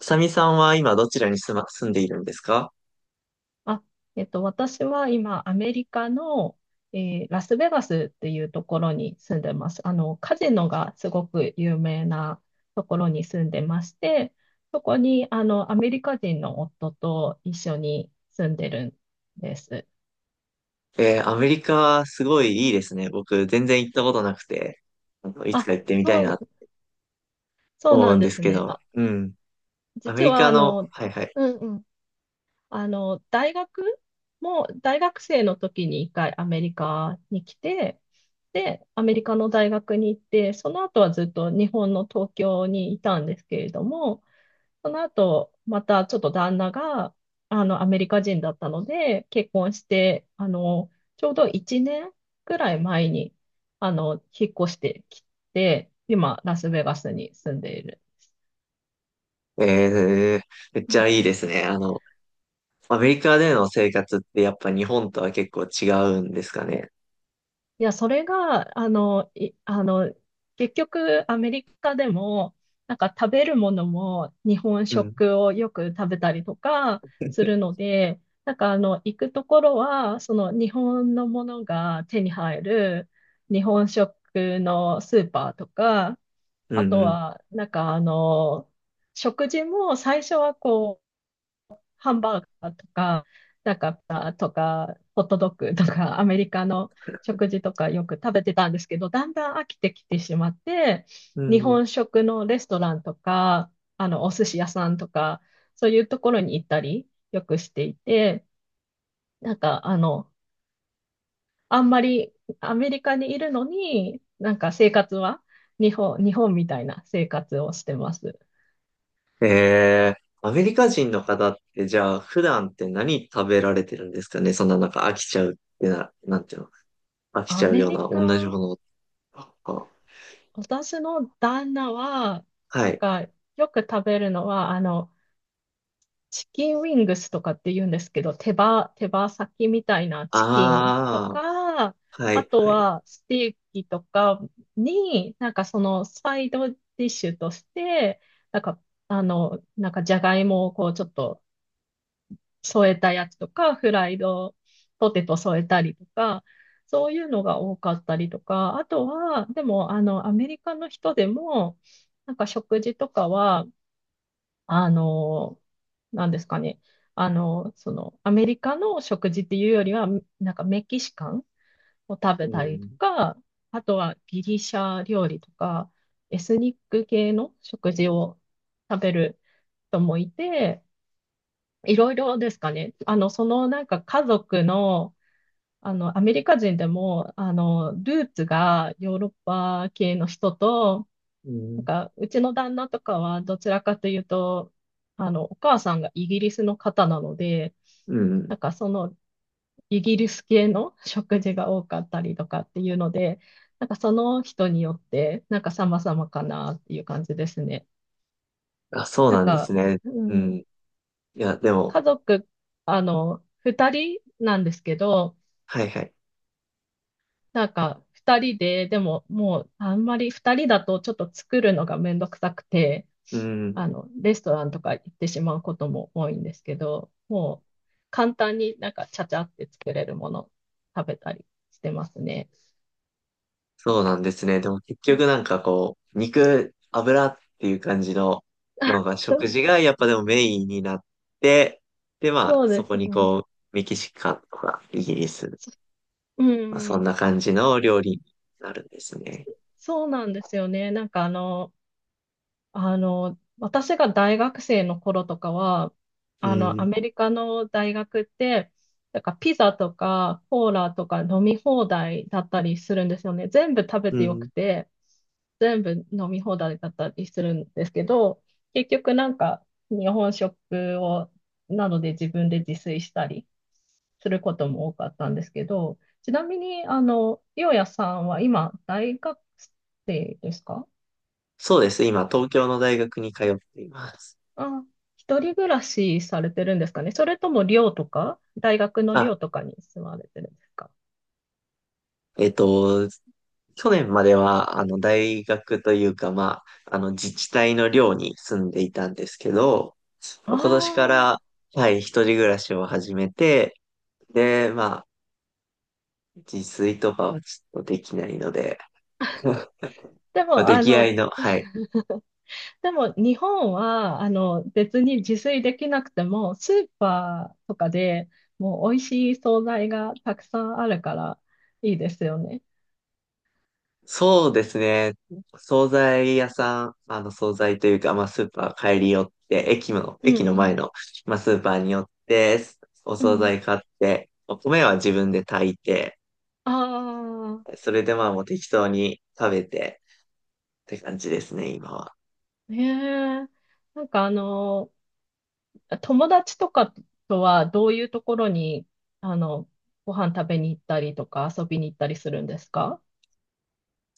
サミさんは今どちらに住んでいるんですか？あ、私は今、アメリカの、ラスベガスっていうところに住んでます。カジノがすごく有名なところに住んでまして、そこに、アメリカ人の夫と一緒に住んでるんです。アメリカはすごいいいですね。僕全然行ったことなくて、いつかあ、行ってみたいそなう、とそう思なうんんでですすけね。ど、あ、うん。ア実メリは、カの、はいはい。うんうん、あの、大学大学生の時に一回アメリカに来て、で、アメリカの大学に行って、その後はずっと日本の東京にいたんですけれども、その後、またちょっと旦那が、アメリカ人だったので、結婚して、ちょうど1年くらい前に、引っ越してきて、今、ラスベガスに住んでいる。えー、めっちゃいいですね。アメリカでの生活ってやっぱ日本とは結構違うんですかね？いや、それが、あの、い、あの、結局、アメリカでも、なんか食べるものも日本うん、食をよく食べたりとかするので、なんか、行くところは、その日本のものが手に入る日本食のスーパーとか、うあん、とうん。は、なんか、食事も最初はこう、ハンバーガーとか、なんか、ホットドッグとか、アメリカの食事とかよく食べてたんですけど、だんだん飽きてきてしまって、う日ん。本食のレストランとか、お寿司屋さんとか、そういうところに行ったり、よくしていて、なんか、あんまりアメリカにいるのに、なんか生活は日本みたいな生活をしてます。アメリカ人の方ってじゃあ普段って何食べられてるんですかね？そんななんか飽きちゃうってな、んていうの？飽きちアゃうメようリなカ同じものを。ああ、私の旦那は、はなんい。か、よく食べるのは、チキンウィングスとかって言うんですけど、手羽先みたいなチキンとあか、あ、はあい、とはい。はステーキとかに、なんかそのサイドディッシュとして、なんか、なんかじゃがいもをこうちょっと添えたやつとか、フライドポテト添えたりとか、そういうのが多かったりとか、あとは、でも、アメリカの人でも、なんか食事とかは、あの、なんですかね、アメリカの食事っていうよりは、なんかメキシカンを食うべたりとん、か、あとはギリシャ料理とか、エスニック系の食事を食べる人もいて、いろいろですかね。そのなんか家族の、アメリカ人でも、ルーツがヨーロッパ系の人と、うなんん、か、うちの旦那とかはどちらかというと、お母さんがイギリスの方なので、うん。なんかそのイギリス系の食事が多かったりとかっていうので、なんかその人によって、なんか様々かなっていう感じですね。あ、そうなんなんですか、ね。ううん。ん、いや、でも、家族の二人なんですけど、はい、はい。なんか、二人で、でももう、あんまり二人だとちょっと作るのがめんどくさくて、うん。レストランとか行ってしまうことも多いんですけど、もう、簡単になんか、ちゃちゃって作れるもの食べたりしてますね。そうなんですね。でも結う局ん。 なんかこう、肉、油っていう感じのが、食事がやっぱでもメインになって、で、まあ、そうでそこすにね。こう、メキシカンとかイギリス、うまあ、そんん。な感じの料理になるんですね。そうなんですよね。なんか、私が大学生の頃とかは、うアん、メリカの大学って、なんかピザとかコーラとか飲み放題だったりするんですよね。全部食べうてよん。くて、全部飲み放題だったりするんですけど、結局なんか日本食を、なので自分で自炊したりすることも多かったんですけど、ちなみに、ようやさんは今大学生ですか？そうです。今、東京の大学に通っています。あ、一人暮らしされてるんですかね。それとも寮とか、大学のあ、寮とかに住まれてるんですか。えっと、去年までは、大学というか、まあ、自治体の寮に住んでいたんですけど、あ今年かあ、ら、はい、一人暮らしを始めて、で、まあ、自炊とかはちょっとできないので、まであも、出来合いの、はい。でも日本は、別に自炊できなくても、スーパーとかでもう美味しい惣菜がたくさんあるからいいですよね。そうですね。惣菜屋さん、惣菜というか、まあ、スーパー帰り寄って、駅の、うん駅うの前ん。の、まあ、スーパーに寄って、おう惣ん。菜買って、お米は自分で炊いて、ああ、それでまあもう適当に食べてって感じですね、今は。ねえ。なんか、友達とかとはどういうところに、あの、ご飯食べに行ったりとか遊びに行ったりするんですか？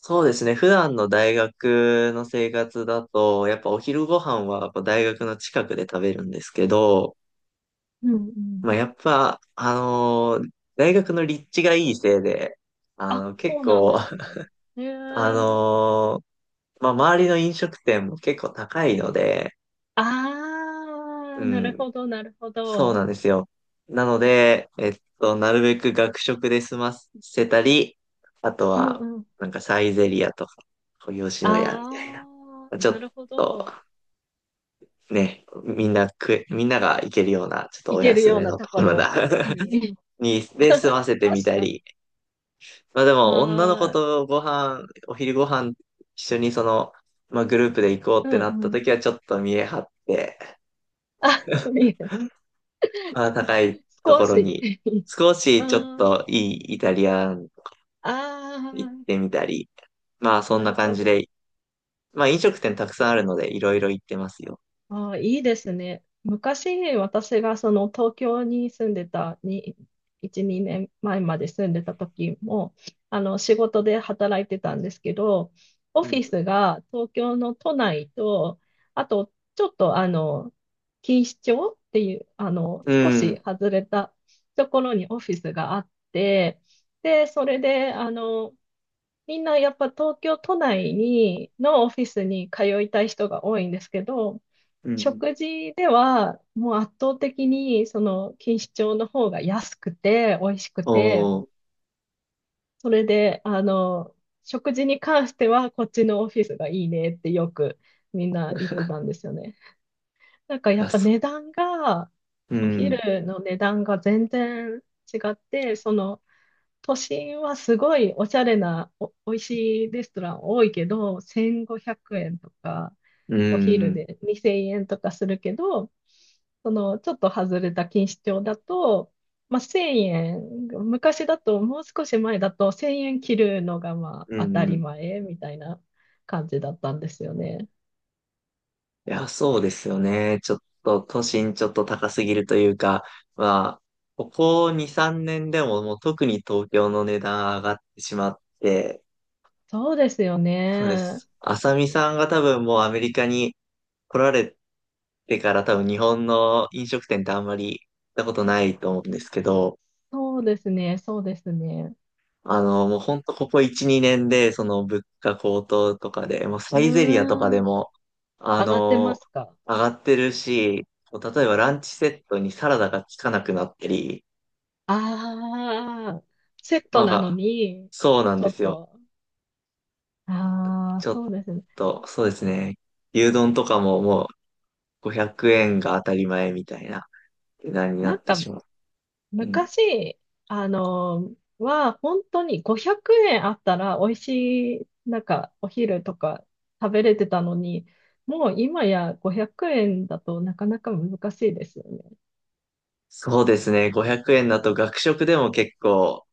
そうですね。普段の大学の生活だと、やっぱお昼ご飯はやっぱ大学の近くで食べるんですけど、うんうん。まあやっぱ、大学の立地がいいせいで、あ、そ結うなん構、ですね。へ え。ああのーまあ周りの飲食店も結構高いので、うあ、なるん、ほど、なるほそうど。なんですよ。なので、なるべく学食で済ませたり、あとうんは、うん。なんかサイゼリアとか、吉野家みたいな。ああ、ちょなっるほと、ど。ね、みんなが行けるような、ちょっと行おける安ようめなのととこころろだ。に。に、で、済ま せてみ確たかに。り。まあでも、女の子ああ、とご飯、お昼ご飯、一緒にその、まあグループで行こうっうてなったんうん。時は、ちょっと見え張って、あ、見える。まあ、高いと少ころし。に、少あしちょっー、といいイタリアン行っあてあ、みたり、まあそんななる感ほじど。で、まあ飲食店たくさんあるのでいろいろ行ってますよ。ああ、いいですね。昔、私がその東京に住んでたに、1、2年前まで住んでた時も、あの仕事で働いてたんですけど、オうフん。ィスが東京の都内と、あとちょっと錦糸町っていう、う少しん。外れたところにオフィスがあって、で、それで、みんなやっぱ東京都内にのオフィスに通いたい人が多いんですけど、うん。食事では、もう圧倒的に、その、錦糸町の方が安くて、美味しくて、おー。それで、食事に関しては、こっちのオフィスがいいねってよくみんな言ってたんですよね。なんかいやっや、ぱそ値段が、うおん。昼の値段が全然違って、その、都心はすごいおしゃれな美味しいレストラン多いけど、1500円とか、うん。おう昼ん。で2000円とかするけど、そのちょっと外れた錦糸町だと、まあ、1000円、昔だと、もう少し前だと1000円切るのがまうあ当たりん。前みたいな感じだったんですよね。いや、そうですよね。ちょっと都心ちょっと高すぎるというか、まあ、ここ2、3年でももう特に東京の値段上がってしまって、そうですよそうでね。す。あさみさんが多分もうアメリカに来られてから多分日本の飲食店ってあんまり行ったことないと思うんですけど、そうですね、そうですね。もうほんとここ1、2年でその物価高騰とかで、もうサうイゼリアとかでーん、も、あ上がってまの、すか？上がってるし、例えばランチセットにサラダがつかなくなったり、ああ、セットまなのあ、に、そうなんちでょっすよ。と、ああ、ちょっそうですね。と、そうですね。牛丼とかももう500円が当たり前みたいな値段にななんってか、しまう。うん。昔、本当に500円あったら、美味しい、なんか、お昼とか食べれてたのに、もう今や500円だとなかなか難しいですよね。そうですね。500円だと学食でも結構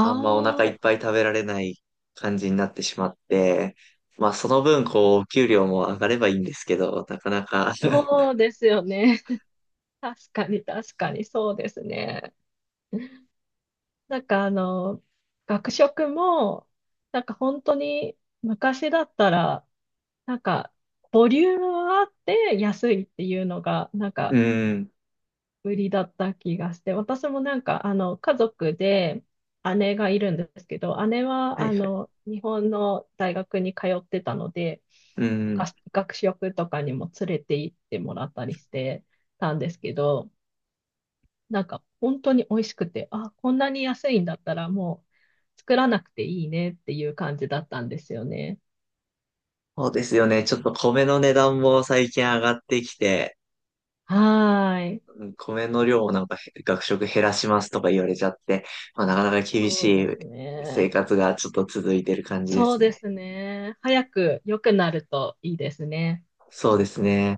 あんまお腹いあ、っぱい食べられない感じになってしまって、まあその分こうお給料も上がればいいんですけど、なかなか。 そ うですよね。確かに、確かに、そうですね。なんか、学食も、なんか本当に昔だったら、なんかボリュームはあって安いっていうのが、なんうかん。売りだった気がして、私もなんか、家族で姉がいるんですけど、姉ははいはい。日本の大学に通ってたので、うがん。学食とかにも連れて行ってもらったりしてたんですけど、なんか本当に美味しくて、あ、こんなに安いんだったらもう作らなくていいねっていう感じだったんですよね。そうですよね。ちょっと米の値段も最近上がってきて、はーい。うん。米の量をなんかへ学食減らしますとか言われちゃって、まあなかなか厳しそうでいす生ね。活がちょっと続いてる感じでそうすでね。すね。早く良くなるといいですね。そうですね。